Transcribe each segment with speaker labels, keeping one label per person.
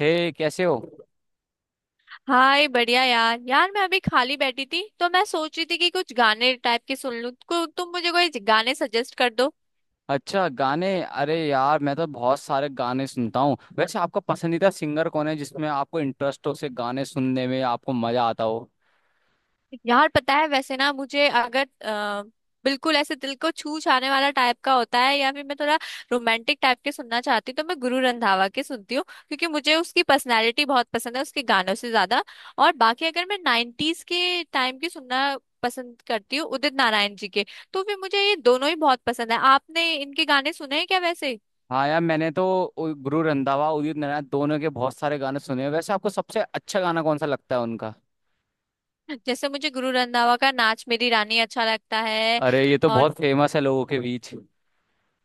Speaker 1: हे, कैसे हो।
Speaker 2: हाय बढ़िया यार यार मैं अभी खाली बैठी थी, तो मैं सोच रही थी कि कुछ गाने टाइप के सुन लूं को, तुम मुझे कोई गाने सजेस्ट कर दो।
Speaker 1: अच्छा, गाने। अरे यार, मैं तो बहुत सारे गाने सुनता हूँ। वैसे आपका पसंदीदा सिंगर कौन है जिसमें आपको इंटरेस्ट हो, से गाने सुनने में आपको मजा आता हो।
Speaker 2: यार पता है वैसे ना मुझे अगर बिल्कुल ऐसे दिल को छू छाने वाला टाइप का होता है, या फिर मैं थोड़ा रोमांटिक टाइप के सुनना चाहती हूँ, तो मैं गुरु रंधावा के सुनती हूँ, क्योंकि मुझे उसकी पर्सनैलिटी बहुत पसंद है उसके गानों से ज्यादा। और बाकी अगर मैं नाइन्टीज के टाइम की सुनना पसंद करती हूँ, उदित नारायण जी के, तो फिर मुझे ये दोनों ही बहुत पसंद है। आपने इनके गाने सुने हैं क्या वैसे?
Speaker 1: हाँ यार, मैंने तो गुरु रंधावा, उदित नारायण दोनों के बहुत सारे गाने सुने हैं। वैसे आपको सबसे अच्छा गाना कौन सा लगता है उनका।
Speaker 2: जैसे मुझे गुरु रंधावा का नाच मेरी रानी अच्छा लगता है।
Speaker 1: अरे ये तो
Speaker 2: और
Speaker 1: बहुत फेमस है लोगों के बीच।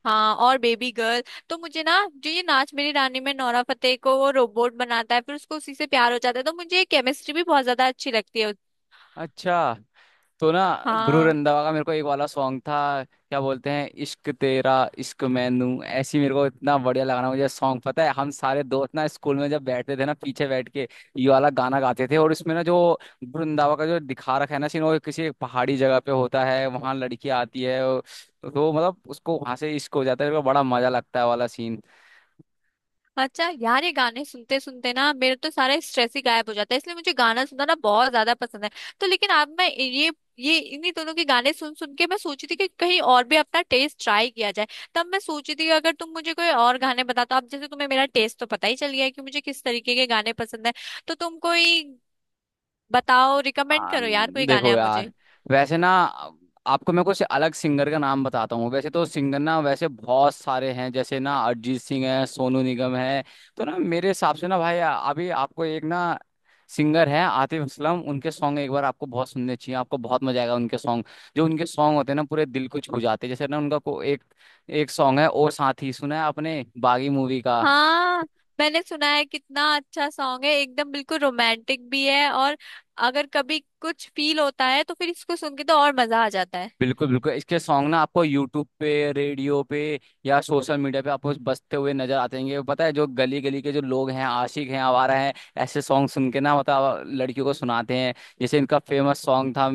Speaker 2: हाँ, और बेबी गर्ल। तो मुझे ना, जो ये नाच मेरी रानी में नोरा फतेही को वो रोबोट बनाता है, फिर उसको उसी से प्यार हो जाता है, तो मुझे केमिस्ट्री भी बहुत ज्यादा अच्छी लगती है उस-।
Speaker 1: अच्छा, तो ना गुरु
Speaker 2: हाँ।
Speaker 1: रंधावा का मेरे को एक वाला सॉन्ग था, क्या बोलते हैं, इश्क तेरा, इश्क मैनू ऐसी। मेरे को इतना बढ़िया लगा ना मुझे सॉन्ग, पता है हम सारे दोस्त ना स्कूल में जब बैठते थे ना, पीछे बैठ के ये वाला गाना गाते थे। और इसमें ना जो गुरु रंधावा का जो दिखा रखा है ना सीन, वो किसी एक पहाड़ी जगह पे होता है, वहां लड़की आती है तो मतलब उसको वहां से इश्क हो जाता है। मेरे को बड़ा मजा लगता है वाला सीन।
Speaker 2: अच्छा यार, ये गाने सुनते सुनते ना मेरे तो सारा स्ट्रेस ही गायब हो जाता है, इसलिए मुझे गाना सुनना ना बहुत ज्यादा पसंद है। तो लेकिन अब मैं ये इन्हीं दोनों के गाने सुन सुन के मैं सोची थी कि कहीं और भी अपना टेस्ट ट्राई किया जाए। तब मैं सोची थी कि अगर तुम मुझे कोई और गाने बता, तो अब जैसे तुम्हें मेरा टेस्ट तो पता ही चल गया है कि मुझे किस तरीके के गाने पसंद है। तो तुम कोई बताओ, रिकमेंड
Speaker 1: आम,
Speaker 2: करो यार कोई गाने
Speaker 1: देखो
Speaker 2: आप मुझे।
Speaker 1: यार, वैसे ना आपको मैं कुछ अलग सिंगर का नाम बताता हूँ। वैसे तो सिंगर ना वैसे बहुत सारे हैं, जैसे ना अरिजीत सिंह है, सोनू निगम है। तो ना मेरे हिसाब से ना भाई अभी आपको एक ना सिंगर है आतिफ असलम, उनके सॉन्ग एक बार आपको बहुत सुनने चाहिए, आपको बहुत मजा आएगा उनके सॉन्ग। जो उनके सॉन्ग होते हैं ना पूरे दिल को छू जाते हैं। जैसे ना उनका को एक एक सॉन्ग है, ओ साथी, सुना है आपने, बागी मूवी का।
Speaker 2: हाँ मैंने सुना है, कितना अच्छा सॉन्ग है, एकदम बिल्कुल रोमांटिक भी है, और अगर कभी कुछ फील होता है तो फिर इसको सुन के तो और मजा आ जाता है।
Speaker 1: बिल्कुल बिल्कुल, इसके सॉन्ग ना आपको यूट्यूब पे, रेडियो पे या सोशल मीडिया पे आपको बजते हुए नजर आते हैं। पता है, जो गली गली के जो लोग हैं, आशिक हैं, आवारा हैं, ऐसे सॉन्ग सुन के ना मतलब लड़कियों को सुनाते हैं। जैसे इनका फेमस सॉन्ग था,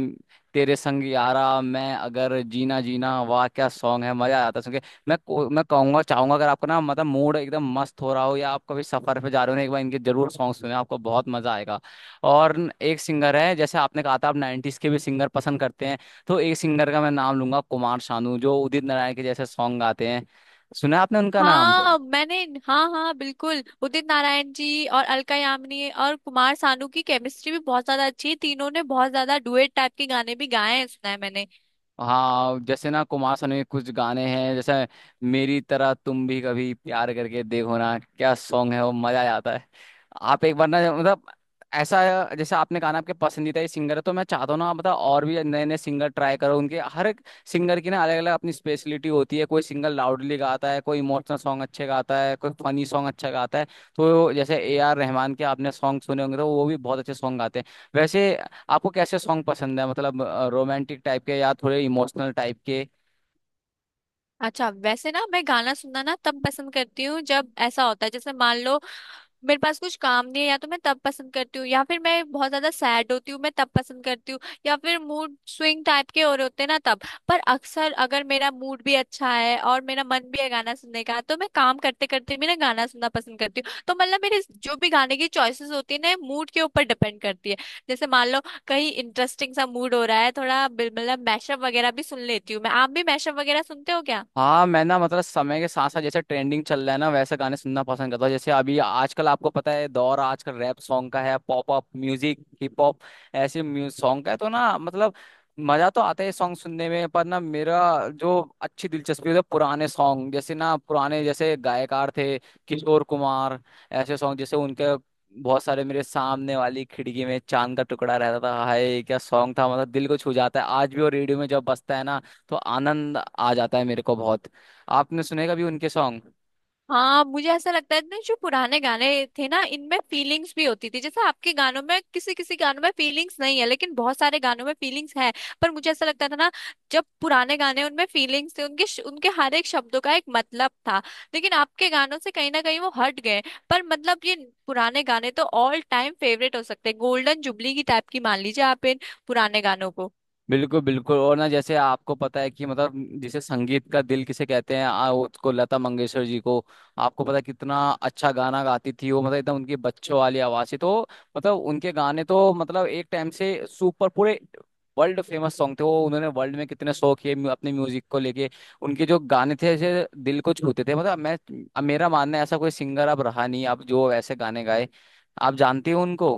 Speaker 1: तेरे संग यारा मैं अगर जीना जीना, वाह क्या सॉन्ग है, मजा आ जाता है सुन के। मैं कहूंगा चाहूंगा, अगर आपको ना मतलब मूड एकदम मस्त हो रहा हो या आप कभी सफर पे जा रहे हो ना, एक बार इनके जरूर सॉन्ग सुने, आपको बहुत मजा आएगा। और एक सिंगर है, जैसे आपने कहा था आप नाइन्टीज के भी सिंगर पसंद करते हैं, तो एक सिंगर का मैं नाम लूंगा, कुमार शानू, जो उदित नारायण के जैसे सॉन्ग गाते हैं। सुना है आपने उनका नाम।
Speaker 2: हाँ मैंने, हाँ हाँ बिल्कुल, उदित नारायण जी और अलका यामिनी और कुमार सानू की केमिस्ट्री भी बहुत ज्यादा अच्छी है। तीनों ने बहुत ज्यादा डुएट टाइप के गाने भी गाए हैं, सुना है मैंने।
Speaker 1: हाँ जैसे ना कुमार सानू के कुछ गाने हैं जैसे, मेरी तरह तुम भी कभी प्यार करके देखो ना, क्या सॉन्ग है वो, मजा आ जाता है। आप एक बार ना मतलब ऐसा, जैसे आपने कहा ना आपके पसंदीदा ही सिंगर है, तो मैं चाहता हूँ ना आप मतलब और भी नए नए सिंगर ट्राई करो। उनके हर एक सिंगर की ना अलग अलग अपनी स्पेशलिटी होती है। कोई सिंगर लाउडली गाता है, कोई इमोशनल सॉन्ग अच्छे गाता है, कोई फनी सॉन्ग अच्छा गाता है। तो जैसे ए आर रहमान के आपने सॉन्ग सुने होंगे, तो वो भी बहुत अच्छे सॉन्ग गाते हैं। वैसे आपको कैसे सॉन्ग पसंद है, मतलब रोमांटिक टाइप के या थोड़े इमोशनल टाइप के।
Speaker 2: अच्छा वैसे ना, मैं गाना सुनना ना तब पसंद करती हूँ जब ऐसा होता है, जैसे मान लो मेरे पास कुछ काम नहीं है, या तो मैं तब पसंद करती हूँ, या फिर मैं बहुत ज्यादा सैड होती हूँ मैं तब पसंद करती हूँ, या फिर मूड स्विंग टाइप के हो रहे होते हैं ना तब। पर अक्सर अगर मेरा मूड भी अच्छा है और मेरा मन भी है गाना सुनने का, तो मैं काम करते करते भी ना गाना सुनना पसंद करती हूँ। तो मतलब मेरे जो भी गाने की चॉइसेस होती है ना, मूड के ऊपर डिपेंड करती है। जैसे मान लो कहीं इंटरेस्टिंग सा मूड हो रहा है, थोड़ा मतलब मैशअप वगैरह भी सुन लेती हूँ मैं। आप भी मैशअप वगैरह सुनते हो क्या?
Speaker 1: हाँ, मैं ना मतलब समय के साथ साथ जैसे ट्रेंडिंग चल रहा है ना वैसे गाने सुनना पसंद करता हूँ। जैसे अभी आजकल आपको पता है, दौर आजकल रैप सॉन्ग का है, pop up music, hip hop, ऐसे म्यूजिक सॉन्ग का है। तो ना मतलब मजा तो आता है सॉन्ग सुनने में, पर ना मेरा जो अच्छी दिलचस्पी है पुराने सॉन्ग, जैसे ना पुराने जैसे गायकार थे, किशोर कुमार, ऐसे सॉन्ग जैसे उनके बहुत सारे, मेरे सामने वाली खिड़की में चांद का टुकड़ा रहता था, हाय क्या सॉन्ग था, मतलब दिल को छू जाता है। आज भी वो रेडियो में जब बजता है ना, तो आनंद आ जाता है मेरे को बहुत। आपने सुने कभी उनके सॉन्ग।
Speaker 2: हाँ मुझे ऐसा लगता है ना, जो पुराने गाने थे ना, इनमें फीलिंग्स भी होती थी। जैसे आपके गानों में किसी किसी गानों में फीलिंग्स नहीं है, लेकिन बहुत सारे गानों में फीलिंग्स है। पर मुझे ऐसा लगता था ना, जब पुराने गाने, उनमें फीलिंग्स थे, उनके हर एक शब्दों का एक मतलब था। लेकिन आपके गानों से कहीं ना कहीं वो हट गए। पर मतलब ये पुराने गाने तो ऑल टाइम फेवरेट हो सकते हैं, गोल्डन जुबली की टाइप की मान लीजिए आप इन पुराने गानों को।
Speaker 1: बिल्कुल बिल्कुल, और ना जैसे आपको पता है कि मतलब जिसे संगीत का दिल किसे कहते हैं उसको लता मंगेशकर जी को। आपको पता है कितना अच्छा गाना गाती थी वो, मतलब एकदम उनकी बच्चों वाली आवाज थी। तो मतलब उनके गाने तो मतलब एक टाइम से सुपर पूरे वर्ल्ड फेमस सॉन्ग थे। वो उन्होंने वर्ल्ड में कितने शो किए अपने म्यूजिक को लेके। उनके जो गाने थे ऐसे दिल को छूते थे, मतलब मैं अब मेरा मानना है ऐसा कोई सिंगर अब रहा नहीं अब, जो ऐसे गाने गाए। आप जानती हो उनको।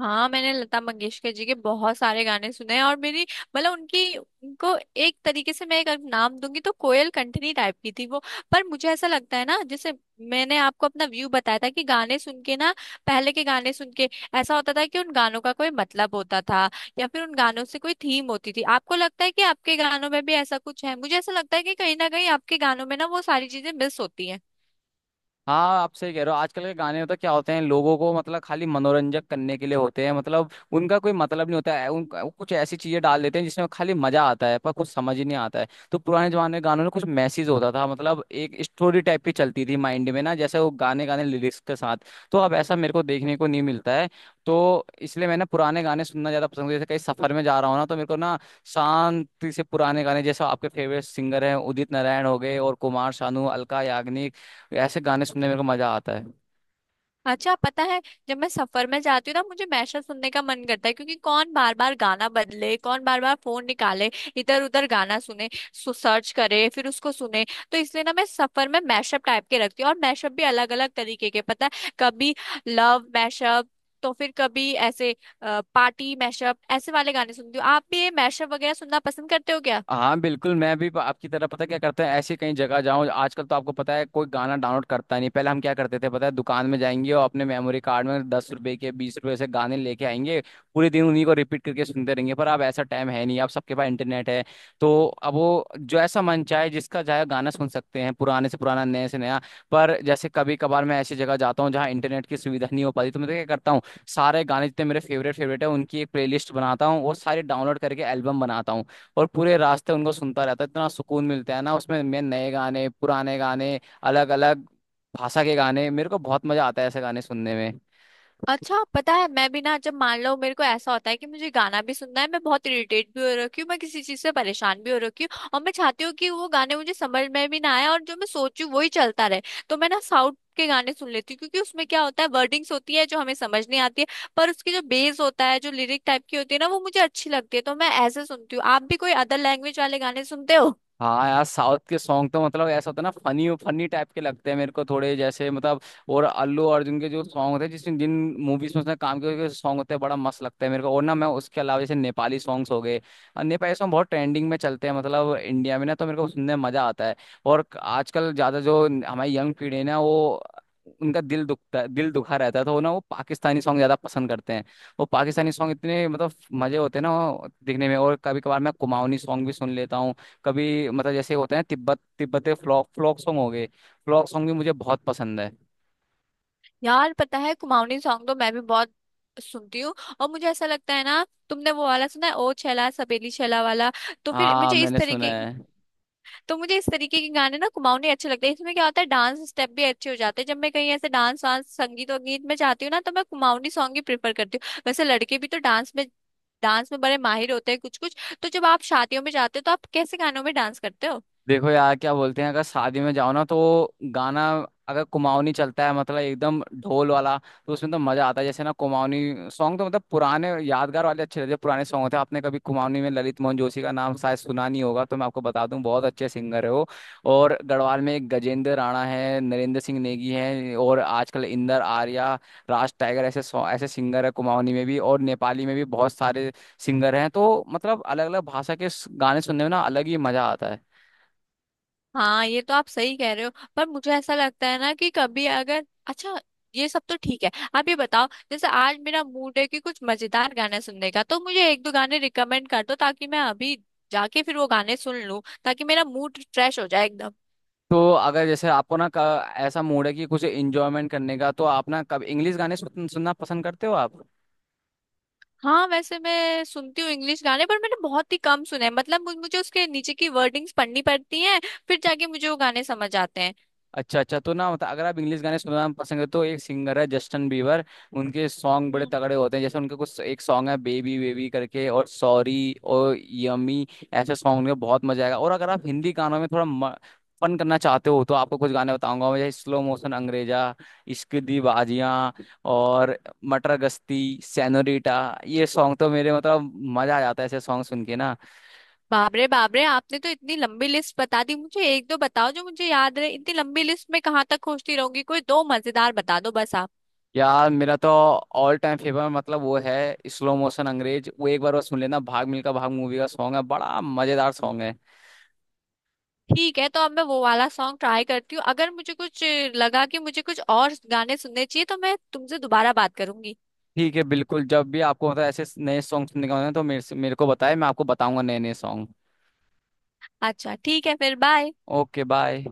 Speaker 2: हाँ मैंने लता मंगेशकर जी के बहुत सारे गाने सुने हैं, और मेरी मतलब उनकी, उनको एक तरीके से मैं एक अगर नाम दूंगी, तो कोयल कंठनी टाइप की थी वो। पर मुझे ऐसा लगता है ना, जैसे मैंने आपको अपना व्यू बताया था कि गाने सुन के ना, पहले के गाने सुन के, ऐसा होता था कि उन गानों का कोई मतलब होता था, या फिर उन गानों से कोई थीम होती थी। आपको लगता है कि आपके गानों में भी ऐसा कुछ है? मुझे ऐसा लगता है कि कहीं ना कहीं आपके गानों में ना वो सारी चीजें मिस होती हैं।
Speaker 1: हाँ, आप सही कह रहे हो। आजकल के गाने होता क्या होते हैं, लोगों को मतलब खाली मनोरंजक करने के लिए होते हैं, मतलब उनका कोई मतलब नहीं होता है। उनका वो कुछ ऐसी चीजें डाल देते हैं जिसमें खाली मजा आता है, पर कुछ समझ ही नहीं आता है। तो पुराने जमाने के गानों में कुछ मैसेज होता था, मतलब एक स्टोरी टाइप की चलती थी माइंड में ना, जैसे वो गाने, गाने लिरिक्स के साथ। तो अब ऐसा मेरे को देखने को नहीं मिलता है। तो इसलिए मैं ना पुराने गाने सुनना ज्यादा पसंद, जैसे कहीं सफर में जा रहा हूँ ना, तो मेरे को ना शांति से पुराने गाने, जैसे आपके फेवरेट सिंगर हैं, उदित नारायण हो गए और कुमार शानू, अलका याग्निक, ये ऐसे गाने सुनने में मेरे को मजा आता है।
Speaker 2: अच्छा पता है, जब मैं सफर में जाती हूँ ना मुझे मैशअप सुनने का मन करता है, क्योंकि कौन बार बार गाना बदले, कौन बार बार फोन निकाले, इधर उधर गाना सुने, सु सर्च करे फिर उसको सुने। तो इसलिए ना मैं सफर में मैशअप टाइप के रखती हूँ, और मैशअप भी अलग अलग तरीके के पता है, कभी लव मैशअप, तो फिर कभी ऐसे पार्टी मैशअप, ऐसे वाले गाने सुनती हूँ। आप भी ये मैशअप वगैरह सुनना पसंद करते हो क्या?
Speaker 1: हाँ बिल्कुल, मैं भी आपकी तरह, पता क्या करता है, ऐसी कहीं जगह जाऊँ आजकल, तो आपको पता है कोई गाना डाउनलोड करता नहीं। पहले हम क्या करते थे पता है, दुकान में जाएंगे और अपने मेमोरी कार्ड में 10 रुपए के, 20 रुपए से गाने लेके आएंगे, पूरे दिन उन्हीं को रिपीट करके सुनते रहेंगे। पर अब ऐसा टाइम है नहीं, अब सबके पास इंटरनेट है। तो अब वो जो ऐसा मन चाहे जिसका चाहे गाना सुन सकते हैं, पुराने से पुराना, नए से नया। पर जैसे कभी कभार मैं ऐसी जगह जाता हूँ जहाँ इंटरनेट की सुविधा नहीं हो पाती, तो मैं तो क्या करता हूँ, सारे गाने जितने मेरे फेवरेट फेवरेट है उनकी एक प्लेलिस्ट बनाता हूँ, वो सारे डाउनलोड करके एल्बम बनाता हूँ और पूरे रास्ते उनको सुनता रहता है। इतना सुकून मिलता है ना उसमें, मैं नए गाने, पुराने गाने, अलग अलग भाषा के गाने, मेरे को बहुत मजा आता है ऐसे गाने सुनने में।
Speaker 2: अच्छा पता है, मैं भी ना जब मान लो मेरे को ऐसा होता है कि मुझे गाना भी सुनना है, मैं बहुत इरिटेट भी हो रखी हूँ, मैं किसी चीज से परेशान भी हो रखी हूँ, और मैं चाहती हूँ कि वो गाने मुझे समझ में भी ना आए और जो मैं सोचूं वही चलता रहे, तो मैं ना साउथ के गाने सुन लेती हूँ, क्योंकि उसमें क्या होता है वर्डिंग्स होती है जो हमें समझ नहीं आती है। पर उसकी जो बेस होता है, जो लिरिक टाइप की होती है ना, वो मुझे अच्छी लगती है, तो मैं ऐसे सुनती हूँ। आप भी कोई अदर लैंग्वेज वाले गाने सुनते हो?
Speaker 1: हाँ यार, साउथ के सॉन्ग तो मतलब ऐसा होता है ना, फनी फनी टाइप के लगते हैं मेरे को, थोड़े जैसे मतलब। और अल्लू अर्जुन के जो सॉन्ग होते हैं, जिसमें जिन मूवीज में उसने काम किया, सॉन्ग होते हैं बड़ा मस्त लगता है मेरे को। और ना मैं उसके अलावा जैसे नेपाली सॉन्ग्स हो गए, नेपाली सॉन्ग बहुत ट्रेंडिंग में चलते हैं मतलब इंडिया में ना, तो मेरे को सुनने में मजा आता है। और आजकल ज्यादा जो हमारी यंग पीढ़ी है ना, वो उनका दिल दुखता, दिल दुखा रहता है, तो वो ना वो पाकिस्तानी सॉन्ग ज्यादा पसंद करते हैं। वो पाकिस्तानी सॉन्ग इतने मतलब मजे होते हैं ना वो दिखने में। और कभी कभार मैं कुमाऊनी सॉन्ग भी सुन लेता हूँ। कभी मतलब जैसे होते हैं, तिब्बत, तिब्बते फ्लॉक, फ्लॉक सॉन्ग हो गए, फ्लॉक सॉन्ग भी मुझे बहुत पसंद है।
Speaker 2: यार पता है, कुमाऊनी सॉन्ग तो मैं भी बहुत सुनती हूँ। और मुझे ऐसा लगता है ना, तुमने वो वाला सुना है, ओ छैला सपेली छैला वाला? तो फिर
Speaker 1: हाँ
Speaker 2: मुझे इस
Speaker 1: मैंने सुना
Speaker 2: तरीके
Speaker 1: है।
Speaker 2: तो मुझे इस तरीके के गाने ना कुमाऊनी अच्छे लगते हैं। इसमें क्या होता है, डांस स्टेप भी अच्छे हो जाते हैं। जब मैं कहीं ऐसे डांस वांस, संगीत और गीत में जाती हूँ ना, तो मैं कुमाऊनी सॉन्ग ही प्रेफर करती हूँ। वैसे लड़के भी तो डांस में बड़े माहिर होते हैं कुछ कुछ। तो जब आप शादियों में जाते हो, तो आप कैसे गानों में डांस करते हो?
Speaker 1: देखो यार क्या बोलते हैं, अगर शादी में जाओ ना तो गाना, अगर कुमाऊनी चलता है मतलब एकदम ढोल वाला, तो उसमें तो मजा आता है। जैसे ना कुमाऊनी सॉन्ग तो मतलब पुराने यादगार वाले अच्छे रहते हैं, पुराने सॉन्ग होते हैं। आपने कभी कुमाऊनी में ललित मोहन जोशी का नाम शायद सुना नहीं होगा, तो मैं आपको बता दूं, बहुत अच्छे सिंगर है वो। और गढ़वाल में एक गजेंद्र राणा है, नरेंद्र सिंह नेगी है, और आजकल इंदर आर्या, राज टाइगर, ऐसे सिंगर है कुमाऊनी में भी और नेपाली में भी बहुत सारे सिंगर हैं। तो मतलब अलग अलग भाषा के गाने सुनने में ना अलग ही मजा आता है।
Speaker 2: हाँ ये तो आप सही कह रहे हो। पर मुझे ऐसा लगता है ना कि कभी अगर अच्छा, ये सब तो ठीक है, आप ये बताओ, जैसे आज मेरा मूड है कि कुछ मजेदार गाने सुनने का, तो मुझे 1-2 गाने रिकमेंड कर दो, ताकि मैं अभी जाके फिर वो गाने सुन लूं, ताकि मेरा मूड फ्रेश हो जाए एकदम।
Speaker 1: तो अगर जैसे आपको ना ऐसा मूड है कि कुछ इंजॉयमेंट करने का, तो आप ना कब इंग्लिश गाने सुनना पसंद करते हो आप।
Speaker 2: हाँ वैसे मैं सुनती हूँ इंग्लिश गाने, पर मैंने बहुत ही कम सुने हैं, मतलब मुझे उसके नीचे की वर्डिंग्स पढ़नी पड़ती हैं, फिर जाके मुझे वो गाने समझ आते
Speaker 1: अच्छा अच्छा, तो ना मतलब अगर आप इंग्लिश गाने सुनना पसंद है, तो एक सिंगर है जस्टिन बीबर, उनके सॉन्ग
Speaker 2: हैं।
Speaker 1: बड़े तगड़े होते हैं। जैसे उनके कुछ एक सॉन्ग है, बेबी बेबी करके, और सॉरी, और यमी, ऐसे सॉन्ग उनके, बहुत मजा आएगा। और अगर आप हिंदी गानों में थोड़ा फन करना चाहते हो, तो आपको कुछ गाने बताऊंगा मैं, जैसे स्लो मोशन अंग्रेजा, इश्क दी बाजियां, और मटर गश्ती, सेनोरीटा, ये सॉन्ग तो मेरे मतलब, मजा आ जाता है ऐसे सॉन्ग सुन के ना।
Speaker 2: बाप रे बाप रे, आपने तो इतनी लंबी लिस्ट बता दी। मुझे एक दो बताओ जो मुझे याद रहे, इतनी लंबी लिस्ट में कहाँ तक खोजती रहूंगी, कोई 2 मजेदार बता दो बस आप।
Speaker 1: यार मेरा तो ऑल टाइम फेवरेट मतलब वो है, स्लो मोशन अंग्रेज, वो एक बार और सुन लेना, भाग मिल्खा भाग मूवी का सॉन्ग है, बड़ा मजेदार सॉन्ग है।
Speaker 2: ठीक है, तो अब मैं वो वाला सॉन्ग ट्राई करती हूँ। अगर मुझे कुछ लगा कि मुझे कुछ और गाने सुनने चाहिए, तो मैं तुमसे दोबारा बात करूंगी।
Speaker 1: ठीक है बिल्कुल, जब भी आपको मतलब ऐसे नए सॉन्ग सुनने का मन है तो मेरे से, मेरे को बताएं, मैं आपको बताऊंगा नए नए सॉन्ग।
Speaker 2: अच्छा ठीक है, फिर बाय।
Speaker 1: Okay bye.